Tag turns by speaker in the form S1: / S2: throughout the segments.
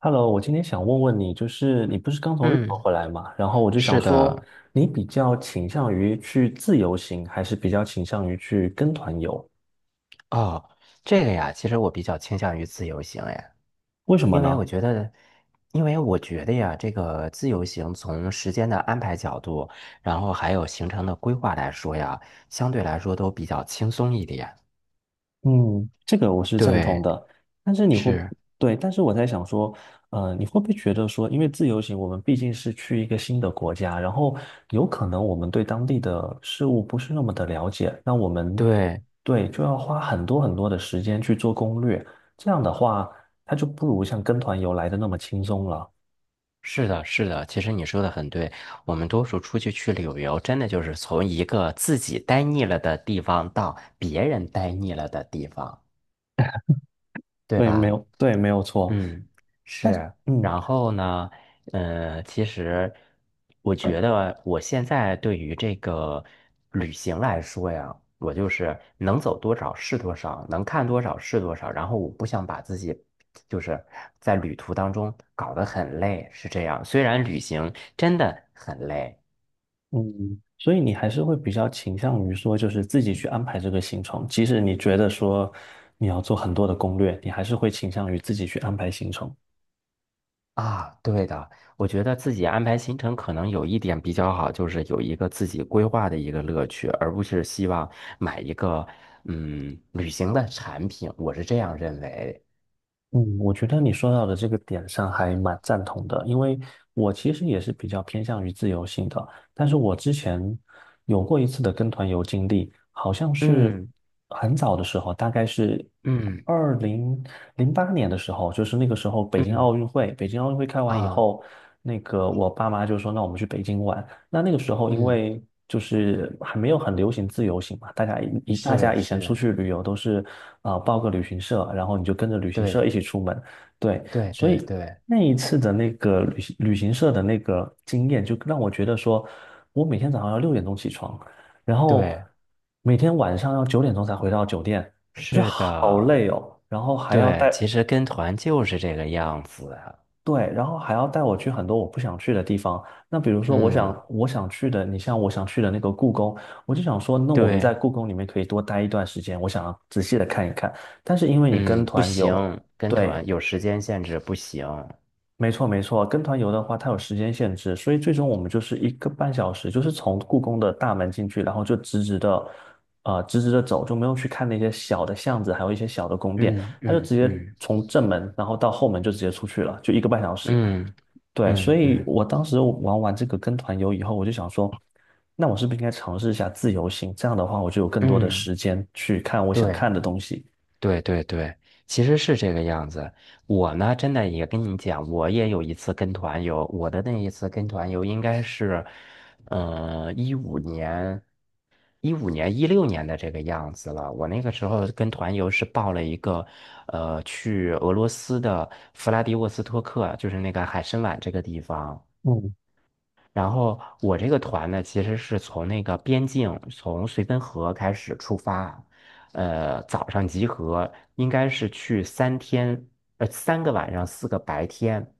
S1: Hello，我今天想问问你，就是你不是刚从日本
S2: 嗯。
S1: 回来嘛？然后我就
S2: 是
S1: 想说，
S2: 的。
S1: 你比较倾向于去自由行，还是比较倾向于去跟团游？
S2: 哦，这个呀，其实我比较倾向于自由行。哎，
S1: 为什么
S2: 因为
S1: 呢？
S2: 我觉得，因为我觉得呀，这个自由行从时间的安排角度，然后还有行程的规划来说呀，相对来说都比较轻松一点。
S1: 嗯，这个我是赞同
S2: 对。
S1: 的，但是你会不
S2: 是。
S1: 对，但是我在想说，你会不会觉得说，因为自由行，我们毕竟是去一个新的国家，然后有可能我们对当地的事物不是那么的了解，那我们
S2: 对。
S1: 对就要花很多很多的时间去做攻略，这样的话，它就不如像跟团游来的那么轻松了。
S2: 是的，是的。其实你说的很对，我们多数出去去旅游，真的就是从一个自己待腻了的地方到别人待腻了的地方，对
S1: 对，没
S2: 吧？
S1: 有，对，没有错。
S2: 嗯。
S1: 但
S2: 是。
S1: 嗯，
S2: 然后呢，其实我觉得我现在对于这个旅行来说呀，我就是能走多少是多少，能看多少是多少。然后我不想把自己就是在旅途当中搞得很累，是这样。虽然旅行真的很累。
S1: 嗯，所以你还是会比较倾向于说，就是自己去安排这个行程，即使你觉得说你要做很多的攻略，你还是会倾向于自己去安排行程。
S2: 啊，对的，我觉得自己安排行程可能有一点比较好，就是有一个自己规划的一个乐趣，而不是希望买一个旅行的产品，我是这样认为。
S1: 嗯，我觉得你说到的这个点上还蛮赞同的，因为我其实也是比较偏向于自由性的，但是我之前有过一次的跟团游经历，好像是
S2: 嗯
S1: 很早的时候，大概是
S2: 嗯
S1: 2008年的时候，就是那个时候北京奥
S2: 嗯。
S1: 运会，北京奥运会开完以
S2: 啊。
S1: 后，那个我爸妈就说，那我们去北京玩，那那个时候，因
S2: 嗯，
S1: 为就是还没有很流行自由行嘛，大家以大
S2: 是
S1: 家以前出
S2: 是，
S1: 去旅游都是啊、报个旅行社，然后你就跟着旅行社
S2: 对
S1: 一起出门，对，
S2: 对
S1: 所以
S2: 对对
S1: 那一次的那个旅行社的那个经验，就让我觉得说，我每天早上要6点钟起床，然后
S2: 对，
S1: 每天晚上要9点钟才回到酒店，
S2: 是
S1: 好
S2: 的。
S1: 累哦，然后还要
S2: 对，
S1: 带
S2: 其实跟团就是这个样子。
S1: 对，然后还要带我去很多我不想去的地方。那比如说，我
S2: 嗯。
S1: 想我想去的，你像我想去的那个故宫，我就想说，那我们在
S2: 对。
S1: 故宫里面可以多待一段时间，我想要仔细的看一看。但是因为你跟
S2: 嗯，不
S1: 团游，
S2: 行，跟
S1: 对，
S2: 团有时间限制，不行。
S1: 没错没错，跟团游的话，它有时间限制，所以最终我们就是一个半小时，就是从故宫的大门进去，然后就直直的，直直的走，就没有去看那些小的巷子，还有一些小的宫殿，
S2: 嗯
S1: 他就
S2: 嗯
S1: 直接
S2: 嗯
S1: 从正门，然后到后门就直接出去了，就一个半小时。
S2: 嗯
S1: 对，所
S2: 嗯
S1: 以
S2: 嗯
S1: 我当时玩完这个跟团游以后，我就想说，那我是不是应该尝试一下自由行？这样的话，我就有更多的
S2: 嗯。
S1: 时间去看我想
S2: 对
S1: 看的东西。
S2: 对对对，其实是这个样子。我呢，真的也跟你讲，我也有一次跟团游，我的那一次跟团游应该是，呃，一五年、一五年、16年的这个样子了。我那个时候跟团游是报了一个，去俄罗斯的弗拉迪沃斯托克，就是那个海参崴这个地方。
S1: 嗯
S2: 然后我这个团呢，其实是从那个边境，从绥芬河开始出发啊。早上集合，应该是去3天，3个晚上，4个白天。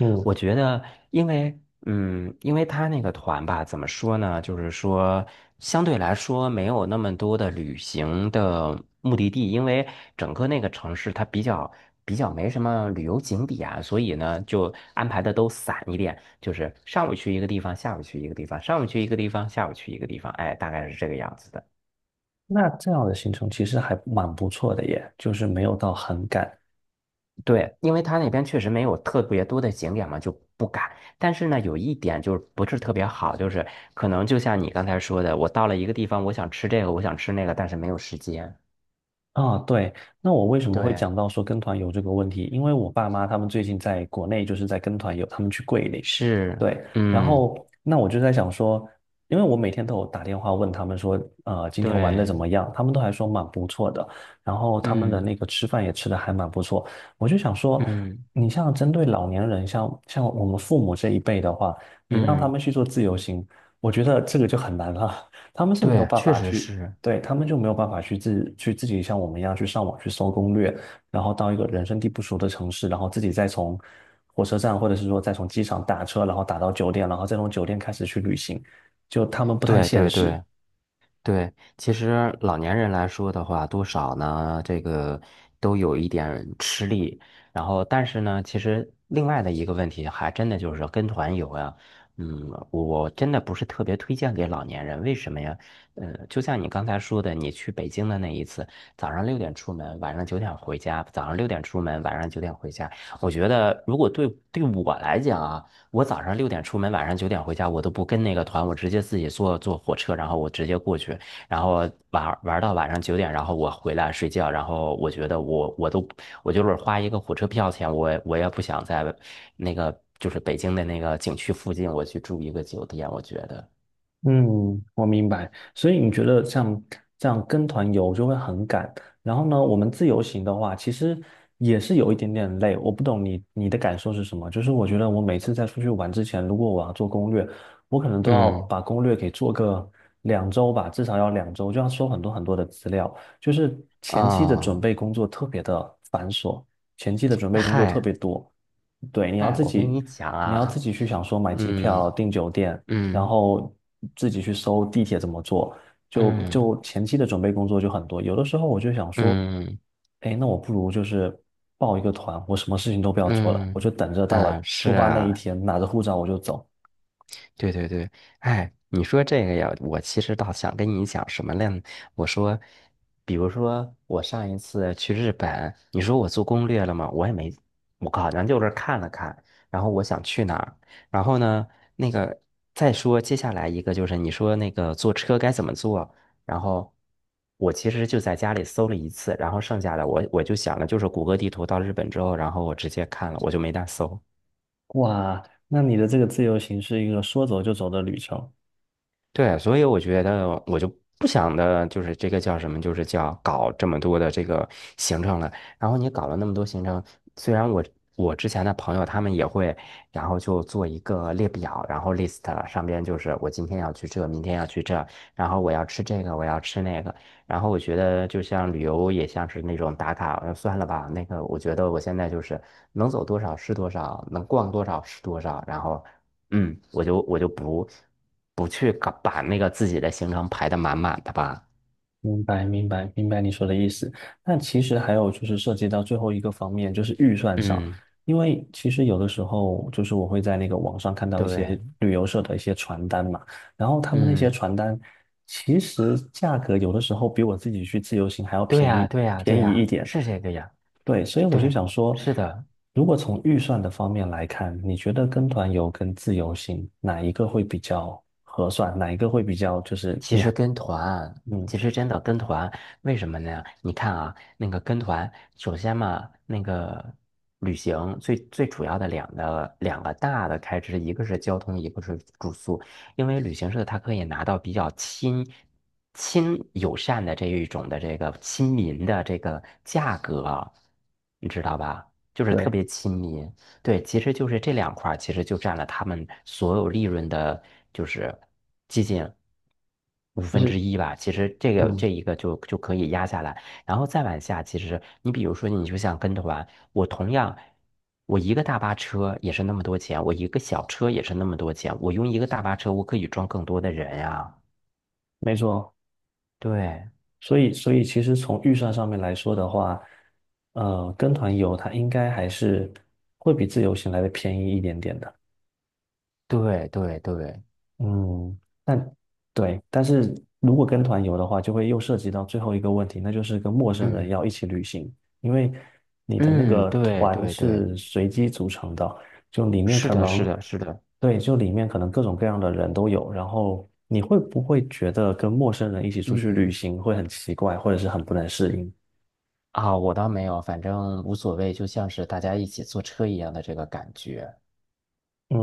S1: 嗯
S2: 我觉得，因为因为他那个团吧，怎么说呢？就是说，相对来说没有那么多的旅行的目的地，因为整个那个城市它比较没什么旅游景点啊，所以呢，就安排的都散一点，就是上午去一个地方，下午去一个地方，上午去一个地方，下午去一个地方，哎，大概是这个样子的。
S1: 那这样的行程其实还蛮不错的耶，就是没有到很赶，
S2: 对，因为它那边确实没有特别多的景点嘛，就不敢。但是呢，有一点就是不是特别好，就是可能就像你刚才说的，我到了一个地方，我想吃这个，我想吃那个，但是没有时间。
S1: 啊，对，那我为什么会
S2: 对。
S1: 讲到说跟团游这个问题？因为我爸妈他们最近在国内就是在跟团游，他们去桂林，
S2: 是。
S1: 对，然
S2: 嗯。
S1: 后那我就在想说，因为我每天都有打电话问他们说，今天玩的
S2: 对。
S1: 怎么样？他们都还说蛮不错的，然后他们的
S2: 嗯
S1: 那个吃饭也吃的还蛮不错，我就想说，
S2: 嗯
S1: 你像针对老年人，像我们父母这一辈的话，你让他
S2: 嗯。
S1: 们去做自由行，我觉得这个就很难了。他们是没有
S2: 对，
S1: 办
S2: 确
S1: 法
S2: 实
S1: 去
S2: 是。
S1: 对，他们就没有办法去自己像我们一样去上网去搜攻略，然后到一个人生地不熟的城市，然后自己再从火车站或者是说再从机场打车，然后打到酒店，然后再从酒店开始去旅行，就他们不太
S2: 对
S1: 现
S2: 对
S1: 实。
S2: 对。对，其实老年人来说的话，多少呢，这个都有一点吃力。然后，但是呢，其实另外的一个问题，还真的就是跟团游呀。嗯，我真的不是特别推荐给老年人，为什么呀？就像你刚才说的，你去北京的那一次，早上六点出门，晚上九点回家；早上六点出门，晚上九点回家。我觉得，如果对我来讲啊。我早上六点出门，晚上九点回家，我都不跟那个团，我直接自己坐火车，然后我直接过去，然后玩玩到晚上九点，然后我回来睡觉，然后我觉得我就是花一个火车票钱，我也不想在那个就是北京的那个景区附近，我去住一个酒店，我觉得。
S1: 嗯，我明白。所以你觉得像这样跟团游就会很赶，然后呢，我们自由行的话，其实也是有一点点累。我不懂你的感受是什么？就是我觉得我每次在出去玩之前，如果我要做攻略，我可能都要
S2: 嗯。
S1: 把攻略给做个两周吧，至少要两周，就要搜很多很多的资料，就是前期的准
S2: 啊。
S1: 备工作特别的繁琐，前期的准备工作特
S2: 嗨。
S1: 别多。对，你要
S2: 嗨，
S1: 自
S2: 我跟
S1: 己，
S2: 你讲
S1: 你要自
S2: 啊。
S1: 己去想说买机
S2: 嗯
S1: 票、订酒店。然
S2: 嗯
S1: 后自己去搜地铁怎么做，就
S2: 嗯
S1: 就前期的准备工作就很多。有的时候我就想说，
S2: 嗯嗯
S1: 哎，那我不如就是报一个团，我什么事情都不要做了，我就
S2: 嗯。
S1: 等着到
S2: 啊，
S1: 了
S2: 是
S1: 出发那一
S2: 啊。
S1: 天，拿着护照我就走。
S2: 对对对，哎，你说这个呀，我其实倒想跟你讲什么呢？我说，比如说我上一次去日本，你说我做攻略了吗？我也没，我好像就是看了看，然后我想去哪儿，然后呢，那个再说接下来一个就是你说那个坐车该怎么坐，然后我其实就在家里搜了一次，然后剩下的我就想了，就是谷歌地图到日本之后，然后我直接看了，我就没大搜。
S1: 哇，那你的这个自由行是一个说走就走的旅程。
S2: 对，所以我觉得我就不想的，就是这个叫什么，就是叫搞这么多的这个行程了。然后你搞了那么多行程，虽然我之前的朋友他们也会，然后就做一个列表，然后 list 上边就是我今天要去这，明天要去这，然后我要吃这个，我要吃那个。然后我觉得就像旅游也像是那种打卡，算了吧，那个我觉得我现在就是能走多少是多少，能逛多少是多少，然后。嗯，我就不去搞把那个自己的行程排的满满的吧。
S1: 明白，明白，明白你说的意思。那其实还有就是涉及到最后一个方面，就是预算上。
S2: 嗯。
S1: 因为其实有的时候，就是我会在那个网上看到一些
S2: 对。
S1: 旅游社的一些传单嘛，然后他们那些
S2: 嗯，
S1: 传单其实价格有的时候比我自己去自由行还要
S2: 对
S1: 便
S2: 呀，
S1: 宜
S2: 对呀，对
S1: 便宜一
S2: 呀，
S1: 点。
S2: 是这个呀。
S1: 对，所以我就
S2: 对，
S1: 想说，
S2: 是的。
S1: 如果从预算的方面来看，你觉得跟团游跟自由行哪一个会比较合算？哪一个会比较就是
S2: 其
S1: 你
S2: 实
S1: 还
S2: 跟团，
S1: 嗯
S2: 其实真的跟团，为什么呢？你看啊，那个跟团，首先嘛，那个旅行最最主要的两个大的开支，一个是交通，一个是住宿。因为旅行社它可以拿到比较亲亲友善的这一种的这个亲民的这个价格啊，你知道吧？就是特
S1: 对。
S2: 别亲民。对，其实就是这两块，其实就占了他们所有利润的，就是接近五
S1: 就
S2: 分之
S1: 是。
S2: 一吧。其实这个
S1: 嗯，
S2: 这一个就可以压下来，然后再往下，其实你比如说，你就像跟团，我同样，我一个大巴车也是那么多钱，我一个小车也是那么多钱，我用一个大巴车，我可以装更多的人呀。
S1: 没错，
S2: 对
S1: 所以其实从预算上面来说的话，跟团游它应该还是会比自由行来的便宜一点点的。
S2: 对对对。
S1: 嗯，但对，但是如果跟团游的话，就会又涉及到最后一个问题，那就是跟陌生人
S2: 嗯
S1: 要一起旅行，因为你的那
S2: 嗯，
S1: 个
S2: 对
S1: 团
S2: 对对，
S1: 是随机组成的，就里面
S2: 是
S1: 可
S2: 的，是
S1: 能，
S2: 的，是的。
S1: 对，就里面可能各种各样的人都有，然后你会不会觉得跟陌生人一起出去旅
S2: 嗯。
S1: 行会很奇怪，或者是很不能适应？
S2: 啊，我倒没有，反正无所谓，就像是大家一起坐车一样的这个感觉。
S1: 嗯，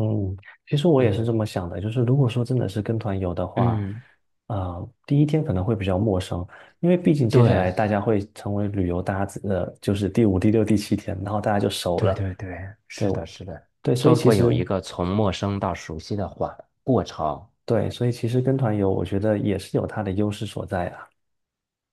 S1: 其实我也是这
S2: 嗯
S1: 么想的，就是如果说真的是跟团游的话，
S2: 嗯，
S1: 啊，第一天可能会比较陌生，因为毕竟接下来
S2: 对
S1: 大家会成为旅游搭子，就是第五、第六、第七天，然后大家就熟
S2: 对
S1: 了。
S2: 对对，
S1: 对，
S2: 是的，
S1: 我，
S2: 是的，
S1: 对，
S2: 都会有一个从陌生到熟悉的缓过程。
S1: 所以其实跟团游，我觉得也是有它的优势所在啊。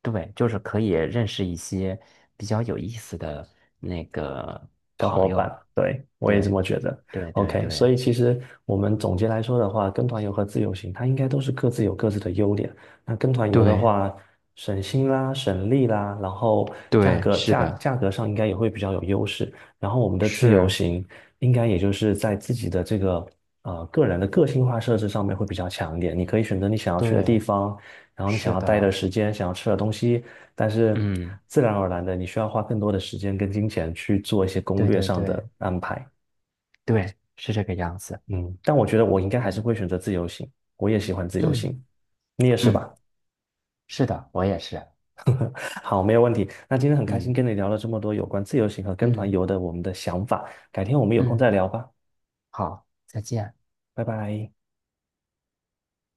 S2: 对，就是可以认识一些比较有意思的那个
S1: 小伙
S2: 朋
S1: 伴，
S2: 友。
S1: 对，我也这
S2: 对
S1: 么觉得。
S2: 对对
S1: OK，所
S2: 对
S1: 以其实我们总结来说的话，跟团游和自由行，它应该都是各自有各自的优点。那跟团游的
S2: 对
S1: 话，省心啦，省力啦，然后
S2: 对，是的，
S1: 价格上应该也会比较有优势。然后我们的自由
S2: 是，
S1: 行，应该也就是在自己的这个个人的个性化设置上面会比较强一点。你可以选择你想要去的地
S2: 对，
S1: 方，然后你想
S2: 是
S1: 要待的
S2: 的。
S1: 时间，想要吃的东西，但是
S2: 嗯，
S1: 自然而然的，你需要花更多的时间跟金钱去做一些攻
S2: 对
S1: 略
S2: 对
S1: 上的
S2: 对
S1: 安排。
S2: 对，是这个样子。
S1: 嗯，但我觉得我应该还是
S2: 嗯
S1: 会选择自由行，我也喜欢自由
S2: 嗯
S1: 行，你也是吧？
S2: 嗯。是的，我也是。
S1: 好，没有问题。那今天很开心
S2: 嗯
S1: 跟你聊了这么多有关自由行和跟团
S2: 嗯
S1: 游的我们的想法，改天我们有空再
S2: 嗯，
S1: 聊吧，
S2: 好，再见。
S1: 拜拜。